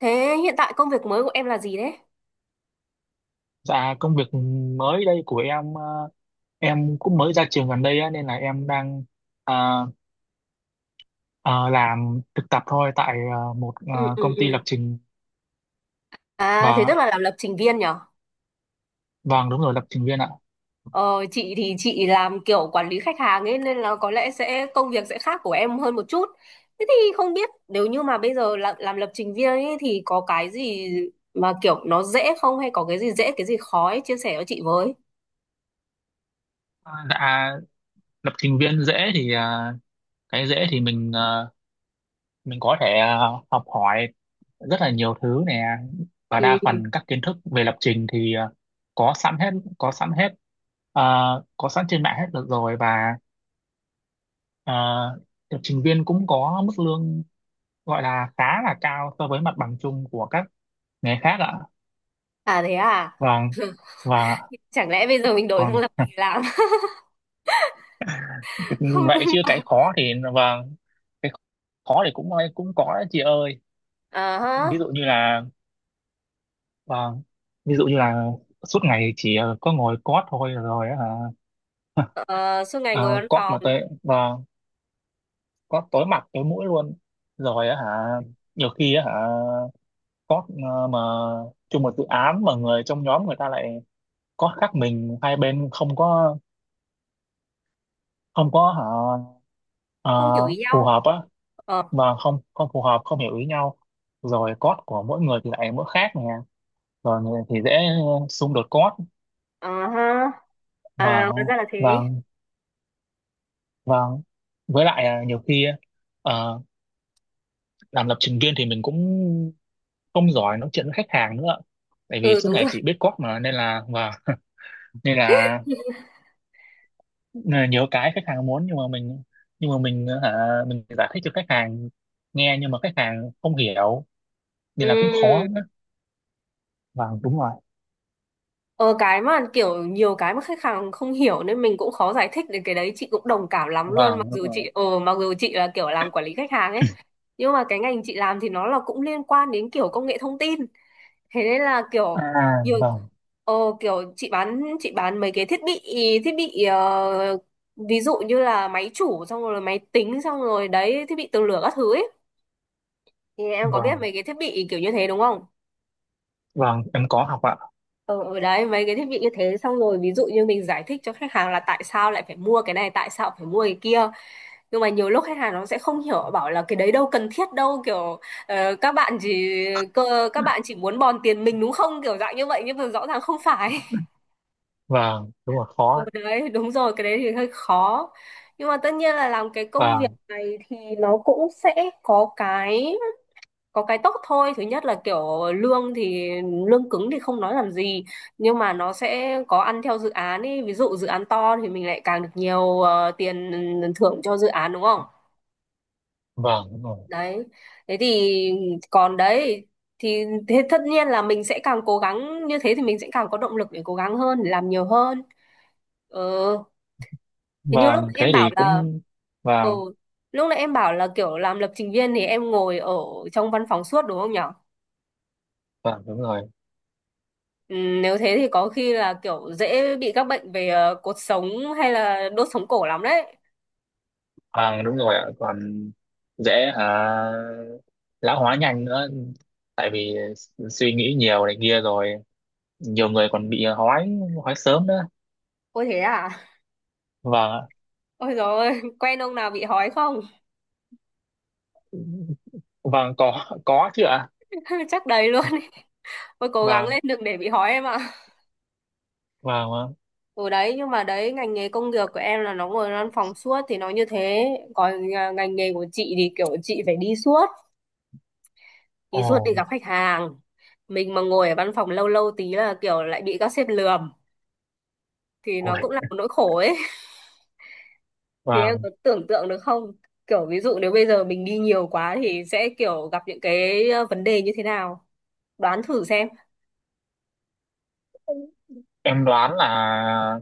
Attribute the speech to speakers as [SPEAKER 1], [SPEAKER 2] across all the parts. [SPEAKER 1] Thế hiện tại công việc mới của em là gì đấy?
[SPEAKER 2] Dạ công việc mới đây của em em cũng mới ra trường gần đây á, nên là em đang ờ, ờ, làm thực tập thôi tại một
[SPEAKER 1] Ừ, ừ,
[SPEAKER 2] công ty
[SPEAKER 1] ừ.
[SPEAKER 2] lập trình
[SPEAKER 1] À thế
[SPEAKER 2] và
[SPEAKER 1] tức là làm lập trình viên nhở?
[SPEAKER 2] vâng đúng rồi, lập trình viên ạ.
[SPEAKER 1] Ờ, chị thì chị làm kiểu quản lý khách hàng ấy, nên là có lẽ sẽ công việc sẽ khác của em hơn một chút. Thế thì không biết nếu như mà bây giờ làm lập trình viên ấy thì có cái gì mà kiểu nó dễ không, hay có cái gì dễ cái gì khó ấy, chia sẻ cho chị với.
[SPEAKER 2] Ờ, dạ lập trình viên dễ thì cái dễ thì mình mình có thể học hỏi rất là nhiều thứ nè, và
[SPEAKER 1] Ừ.
[SPEAKER 2] đa phần các kiến thức về lập trình thì có sẵn hết, có sẵn hết ờ, có sẵn trên mạng hết được rồi. Và ờ, lập trình viên cũng có mức lương gọi là khá là cao so với mặt bằng chung của các nghề khác ạ.
[SPEAKER 1] À thế à?
[SPEAKER 2] Vâng. Và
[SPEAKER 1] Chẳng lẽ bây giờ mình đổi sang
[SPEAKER 2] còn
[SPEAKER 1] lập trình làm? Không
[SPEAKER 2] vậy
[SPEAKER 1] đúng.
[SPEAKER 2] chứ cái khó thì, vâng, cái khó thì cũng cũng có đấy chị ơi.
[SPEAKER 1] À
[SPEAKER 2] Ví
[SPEAKER 1] ha.
[SPEAKER 2] dụ như là, vâng, ví dụ như là suốt ngày chỉ có ngồi cót thôi rồi á hả.
[SPEAKER 1] Ờ, suốt ngày
[SPEAKER 2] À,
[SPEAKER 1] ngồi văn
[SPEAKER 2] cót mà
[SPEAKER 1] phòng
[SPEAKER 2] tới, vâng, cót tối mặt tối mũi luôn rồi á hả. Nhiều khi á hả cót mà chung một dự án mà người trong nhóm người ta lại cót khác mình, hai bên không có, không có hả à,
[SPEAKER 1] không hiểu ý
[SPEAKER 2] phù
[SPEAKER 1] nhau.
[SPEAKER 2] hợp á,
[SPEAKER 1] Ờ.
[SPEAKER 2] mà không không phù hợp, không hiểu ý nhau. Rồi code của mỗi người thì lại mỗi khác nè, rồi người thì dễ xung đột code.
[SPEAKER 1] À ha. À,
[SPEAKER 2] Và
[SPEAKER 1] hóa ra là
[SPEAKER 2] và
[SPEAKER 1] thế.
[SPEAKER 2] và với lại, nhiều khi à, làm lập trình viên thì mình cũng không giỏi nói chuyện với khách hàng nữa, tại vì
[SPEAKER 1] Ừ,
[SPEAKER 2] suốt
[SPEAKER 1] đúng
[SPEAKER 2] ngày
[SPEAKER 1] rồi.
[SPEAKER 2] chỉ biết code mà, nên là. Và nên là, nên là nhiều cái khách hàng muốn nhưng mà mình, nhưng mà mình hả mình giải thích cho khách hàng nghe nhưng mà khách hàng không hiểu, nên là cũng khó.
[SPEAKER 1] Ừ.
[SPEAKER 2] Vâng đúng rồi.
[SPEAKER 1] Ờ, cái mà kiểu nhiều cái mà khách hàng không hiểu nên mình cũng khó giải thích, đến cái đấy chị cũng đồng cảm lắm luôn, mặc
[SPEAKER 2] Vâng đúng
[SPEAKER 1] dù
[SPEAKER 2] rồi.
[SPEAKER 1] chị mặc dù chị là kiểu làm quản lý khách hàng ấy, nhưng mà cái ngành chị làm thì nó là cũng liên quan đến kiểu công nghệ thông tin, thế nên là kiểu
[SPEAKER 2] À
[SPEAKER 1] nhiều,
[SPEAKER 2] vâng.
[SPEAKER 1] ờ, kiểu chị bán mấy cái thiết bị, thiết bị, ví dụ như là máy chủ xong rồi máy tính xong rồi đấy, thiết bị tường lửa các thứ ấy, thì em có biết
[SPEAKER 2] Vâng.
[SPEAKER 1] mấy cái thiết bị kiểu như thế đúng không?
[SPEAKER 2] Vâng em có học ạ.
[SPEAKER 1] Ờ, ở đấy mấy cái thiết bị như thế xong rồi ví dụ như mình giải thích cho khách hàng là tại sao lại phải mua cái này tại sao phải mua cái kia, nhưng mà nhiều lúc khách hàng nó sẽ không hiểu, bảo là cái đấy đâu cần thiết đâu, kiểu ờ, các bạn chỉ các bạn chỉ muốn bòn tiền mình đúng không, kiểu dạng như vậy, nhưng mà rõ ràng không phải.
[SPEAKER 2] Vâng đúng rồi, khó
[SPEAKER 1] Ừ,
[SPEAKER 2] ạ.
[SPEAKER 1] đấy đúng rồi, cái đấy thì hơi khó, nhưng mà tất nhiên là làm cái công việc
[SPEAKER 2] Vâng.
[SPEAKER 1] này thì nó cũng sẽ có cái có cái tốt thôi. Thứ nhất là kiểu lương thì lương cứng thì không nói làm gì, nhưng mà nó sẽ có ăn theo dự án ấy, ví dụ dự án to thì mình lại càng được nhiều, tiền thưởng cho dự án đúng không?
[SPEAKER 2] Vâng đúng rồi.
[SPEAKER 1] Đấy, thế thì còn đấy, thì thế tất nhiên là mình sẽ càng cố gắng, như thế thì mình sẽ càng có động lực để cố gắng hơn để làm nhiều hơn. Ừ, thế như lúc
[SPEAKER 2] Vâng thế
[SPEAKER 1] em bảo
[SPEAKER 2] thì
[SPEAKER 1] là,
[SPEAKER 2] cũng.
[SPEAKER 1] ừ,
[SPEAKER 2] Vâng.
[SPEAKER 1] lúc nãy em bảo là kiểu làm lập trình viên thì em ngồi ở trong văn phòng suốt đúng không nhỉ?
[SPEAKER 2] Vâng đúng rồi.
[SPEAKER 1] Ừ, nếu thế thì có khi là kiểu dễ bị các bệnh về cột sống hay là đốt sống cổ lắm đấy.
[SPEAKER 2] Vâng đúng rồi ạ. Còn dễ hả, lão hóa nhanh nữa, tại vì suy nghĩ nhiều này kia, rồi nhiều người còn bị hói, hói sớm nữa.
[SPEAKER 1] Ôi thế à?
[SPEAKER 2] Vâng ạ.
[SPEAKER 1] Ôi dồi ôi, quen ông nào bị hói không?
[SPEAKER 2] Vâng có chứ ạ.
[SPEAKER 1] Chắc đầy luôn. Ý. Ôi cố gắng
[SPEAKER 2] Vâng.
[SPEAKER 1] lên đừng để bị hói em ạ.
[SPEAKER 2] Vâng, vâng.
[SPEAKER 1] Ừ đấy, nhưng mà đấy, ngành nghề công việc của em là nó ngồi văn phòng suốt thì nó như thế. Còn à, ngành nghề của chị thì kiểu chị phải đi suốt, đi suốt, đi
[SPEAKER 2] Ồ.
[SPEAKER 1] gặp khách hàng. Mình mà ngồi ở văn phòng lâu lâu tí là kiểu lại bị các sếp lườm. Thì nó
[SPEAKER 2] Ôi.
[SPEAKER 1] cũng là một nỗi khổ ấy. Thì em
[SPEAKER 2] Vâng.
[SPEAKER 1] có tưởng tượng được không? Kiểu ví dụ nếu bây giờ mình đi nhiều quá thì sẽ kiểu gặp những cái, vấn đề như thế nào? Đoán thử xem.
[SPEAKER 2] Em đoán là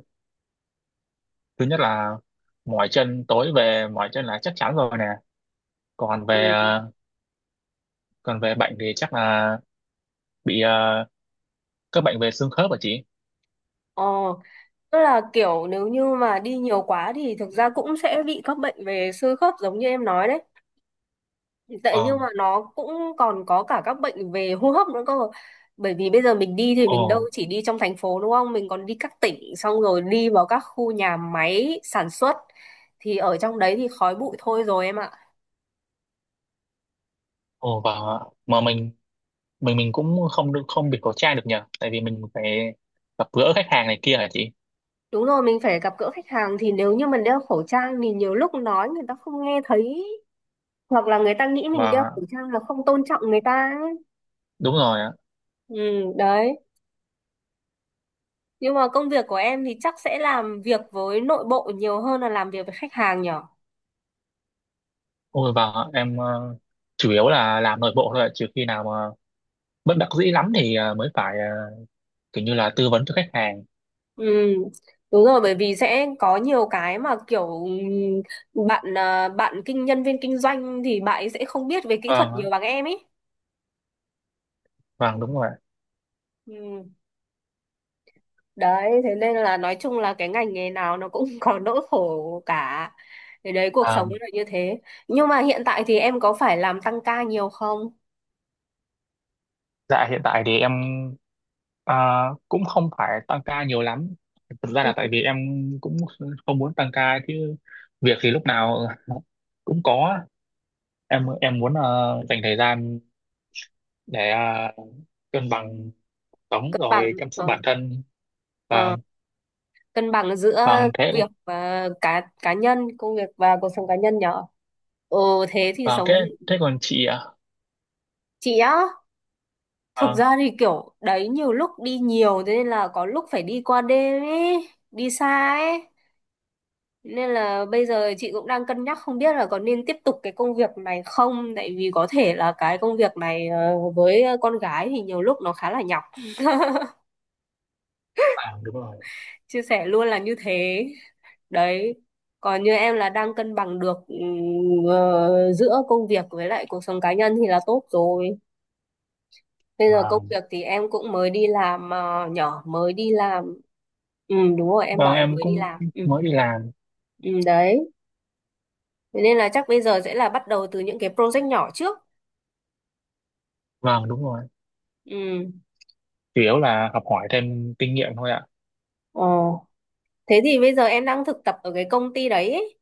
[SPEAKER 2] thứ nhất là mỏi chân, tối về mỏi chân là chắc chắn rồi nè. Còn về
[SPEAKER 1] Ừ.
[SPEAKER 2] bệnh thì chắc là bị các bệnh về xương khớp hả chị.
[SPEAKER 1] Ờ, tức là kiểu nếu như mà đi nhiều quá thì thực ra cũng sẽ bị các bệnh về xương khớp giống như em nói đấy. Tại nhưng
[SPEAKER 2] Ờ.
[SPEAKER 1] mà nó cũng còn có cả các bệnh về hô hấp nữa cơ. Bởi vì bây giờ mình đi thì
[SPEAKER 2] Ồ.
[SPEAKER 1] mình đâu chỉ đi trong thành phố đúng không? Mình còn đi các tỉnh xong rồi đi vào các khu nhà máy sản xuất. Thì ở trong đấy thì khói bụi thôi rồi em ạ.
[SPEAKER 2] Ồ. Và mà mình cũng không được không bị khẩu trang được nhờ, tại vì mình phải gặp gỡ khách hàng này kia hả chị.
[SPEAKER 1] Đúng rồi, mình phải gặp gỡ khách hàng thì nếu như mình đeo khẩu trang thì nhiều lúc nói người ta không nghe thấy, hoặc là người ta nghĩ mình đeo
[SPEAKER 2] Và
[SPEAKER 1] khẩu trang là không tôn trọng người ta ấy.
[SPEAKER 2] đúng rồi ạ.
[SPEAKER 1] Ừ, đấy. Nhưng mà công việc của em thì chắc sẽ làm việc với nội bộ nhiều hơn là làm việc với khách hàng nhở?
[SPEAKER 2] Ôi. Và em chủ yếu là làm nội bộ thôi ạ, trừ khi nào mà bất đắc dĩ lắm thì mới phải kiểu như là tư vấn cho khách hàng.
[SPEAKER 1] Ừ, đúng rồi, bởi vì sẽ có nhiều cái mà kiểu ừ, bạn à, bạn kinh nhân viên kinh doanh thì bạn ấy sẽ không biết về kỹ thuật
[SPEAKER 2] Vâng ạ.
[SPEAKER 1] nhiều bằng em ấy.
[SPEAKER 2] Vâng đúng rồi
[SPEAKER 1] Ừ. Đấy thế nên là nói chung là cái ngành nghề nào nó cũng có nỗi khổ cả, thì đấy cuộc sống
[SPEAKER 2] ạ.
[SPEAKER 1] là như thế, nhưng mà hiện tại thì em có phải làm tăng ca nhiều không?
[SPEAKER 2] Dạ hiện tại thì em à, cũng không phải tăng ca nhiều lắm. Thực ra
[SPEAKER 1] Ừ.
[SPEAKER 2] là tại vì em cũng không muốn tăng ca chứ việc thì lúc nào cũng có. Em muốn dành thời gian để cân bằng sống
[SPEAKER 1] Cân bằng,
[SPEAKER 2] rồi chăm sóc
[SPEAKER 1] ờ,
[SPEAKER 2] bản thân. Và
[SPEAKER 1] ờ, cân bằng giữa
[SPEAKER 2] vâng thế.
[SPEAKER 1] việc và cá cá nhân công việc và cuộc sống cá nhân nhở. Ừ, thế thì
[SPEAKER 2] Vâng
[SPEAKER 1] sống,
[SPEAKER 2] thế, thế còn chị ạ?
[SPEAKER 1] chị á, thực
[SPEAKER 2] Vâng,
[SPEAKER 1] ra thì kiểu đấy nhiều lúc đi nhiều thế nên là có lúc phải đi qua đêm ấy, đi xa ấy, nên là bây giờ chị cũng đang cân nhắc không biết là có nên tiếp tục cái công việc này không, tại vì có thể là cái công việc này với con gái thì nhiều lúc nó khá là nhọc.
[SPEAKER 2] à, đúng rồi.
[SPEAKER 1] Chia sẻ luôn là như thế. Đấy, còn như em là đang cân bằng được giữa công việc với lại cuộc sống cá nhân thì là tốt rồi. Bây giờ công
[SPEAKER 2] Vâng,
[SPEAKER 1] việc thì em cũng mới đi làm, ờ, nhỏ mới đi làm. Ừ đúng rồi, em bảo
[SPEAKER 2] vâng
[SPEAKER 1] em
[SPEAKER 2] em
[SPEAKER 1] mới đi
[SPEAKER 2] cũng
[SPEAKER 1] làm. Ừ,
[SPEAKER 2] mới đi làm.
[SPEAKER 1] ừ đấy. Thế nên là chắc bây giờ sẽ là bắt đầu từ những cái project nhỏ trước.
[SPEAKER 2] Vâng đúng rồi.
[SPEAKER 1] Ừ.
[SPEAKER 2] Chủ yếu là học hỏi thêm kinh nghiệm thôi ạ.
[SPEAKER 1] Ờ. Thế thì bây giờ em đang thực tập ở cái công ty đấy ấy.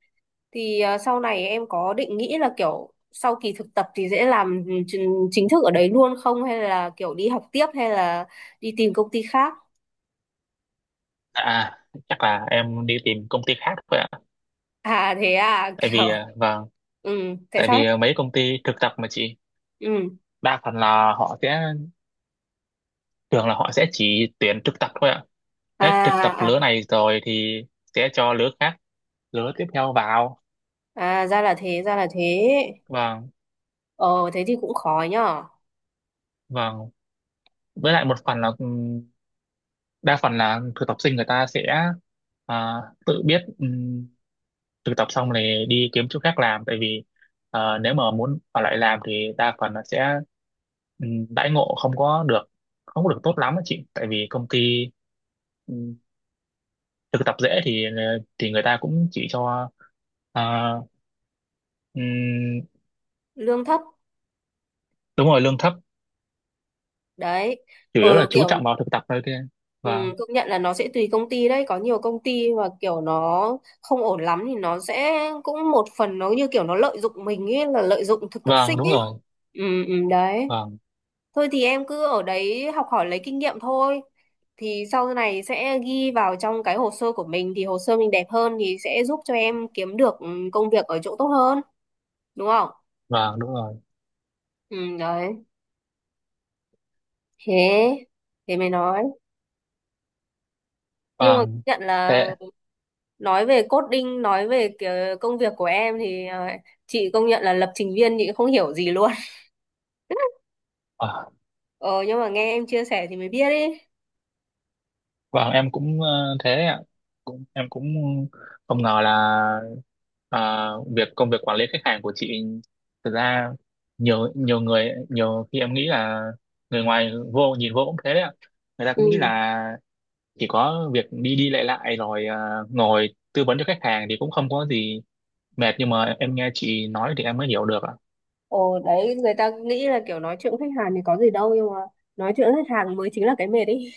[SPEAKER 1] Thì sau này em có định nghĩ là kiểu sau kỳ thực tập thì sẽ làm chính chính thức ở đấy luôn không, hay là kiểu đi học tiếp, hay là đi tìm công ty khác?
[SPEAKER 2] À, chắc là em đi tìm công ty khác thôi ạ.
[SPEAKER 1] À thế à,
[SPEAKER 2] Tại
[SPEAKER 1] kiểu
[SPEAKER 2] vì, à, vâng,
[SPEAKER 1] ừ, tại
[SPEAKER 2] tại
[SPEAKER 1] sao
[SPEAKER 2] vì
[SPEAKER 1] thế?
[SPEAKER 2] à, mấy công ty thực tập mà chị,
[SPEAKER 1] Ừ.
[SPEAKER 2] đa phần là họ sẽ, thường là họ sẽ chỉ tuyển thực tập thôi ạ. Hết thực tập
[SPEAKER 1] À. À,
[SPEAKER 2] lứa này rồi thì sẽ cho lứa khác, lứa tiếp theo vào.
[SPEAKER 1] à ra là thế, ra là thế.
[SPEAKER 2] Vâng,
[SPEAKER 1] Ờ thế thì cũng khó nhở.
[SPEAKER 2] vâng. Với lại một phần là đa phần là thực tập sinh người ta sẽ, à, tự biết thực tập xong này đi kiếm chỗ khác làm, tại vì nếu mà muốn ở lại làm thì đa phần là sẽ, ừ, đãi ngộ không có được tốt lắm á chị, tại vì công ty ừ, thực tập dễ thì thì người ta cũng chỉ cho à, ừ,
[SPEAKER 1] Lương thấp.
[SPEAKER 2] đúng rồi lương thấp,
[SPEAKER 1] Đấy.
[SPEAKER 2] chủ
[SPEAKER 1] Ờ
[SPEAKER 2] yếu là chú
[SPEAKER 1] kiểu,
[SPEAKER 2] trọng vào thực tập thôi kia.
[SPEAKER 1] ừ,
[SPEAKER 2] Vâng.
[SPEAKER 1] công nhận là nó sẽ tùy công ty đấy, có nhiều công ty mà kiểu nó không ổn lắm thì nó sẽ cũng một phần nó như kiểu nó lợi dụng mình ấy, là lợi dụng thực tập
[SPEAKER 2] Vâng
[SPEAKER 1] sinh
[SPEAKER 2] đúng
[SPEAKER 1] ấy.
[SPEAKER 2] rồi.
[SPEAKER 1] Ừ, ừ, đấy.
[SPEAKER 2] Vâng.
[SPEAKER 1] Thôi thì em cứ ở đấy học hỏi lấy kinh nghiệm thôi, thì sau này sẽ ghi vào trong cái hồ sơ của mình, thì hồ sơ mình đẹp hơn thì sẽ giúp cho em kiếm được ừ, công việc ở chỗ tốt hơn đúng không?
[SPEAKER 2] Vâng đúng rồi.
[SPEAKER 1] Ừ, đấy. Thế thế mày nói Nhưng mà công
[SPEAKER 2] Vâng
[SPEAKER 1] nhận là
[SPEAKER 2] thế.
[SPEAKER 1] nói về coding, nói về cái công việc của em thì chị công nhận là lập trình viên chị không hiểu gì luôn.
[SPEAKER 2] Ờ.
[SPEAKER 1] Ờ, nhưng mà nghe em chia sẻ thì mới biết ấy.
[SPEAKER 2] Vâng, em cũng thế ạ. Cũng, em cũng không ngờ là ờ, công việc quản lý khách hàng của chị thực ra nhiều nhiều người, nhiều khi em nghĩ là người ngoài vô nhìn vô cũng thế đấy ạ. Người ta cũng nghĩ
[SPEAKER 1] Ừ.
[SPEAKER 2] là chỉ có việc đi đi lại lại rồi ngồi tư vấn cho khách hàng thì cũng không có gì mệt, nhưng mà em nghe chị nói thì em mới hiểu được ạ.
[SPEAKER 1] Ồ đấy, người ta nghĩ là kiểu nói chuyện với khách hàng thì có gì đâu, nhưng mà nói chuyện với khách hàng mới chính là cái mệt ấy.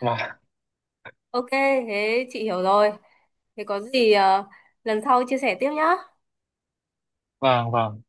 [SPEAKER 2] Vâng,
[SPEAKER 1] Ok, thế chị hiểu rồi. Thế có gì lần sau chia sẻ tiếp nhá.
[SPEAKER 2] vâng, vâng.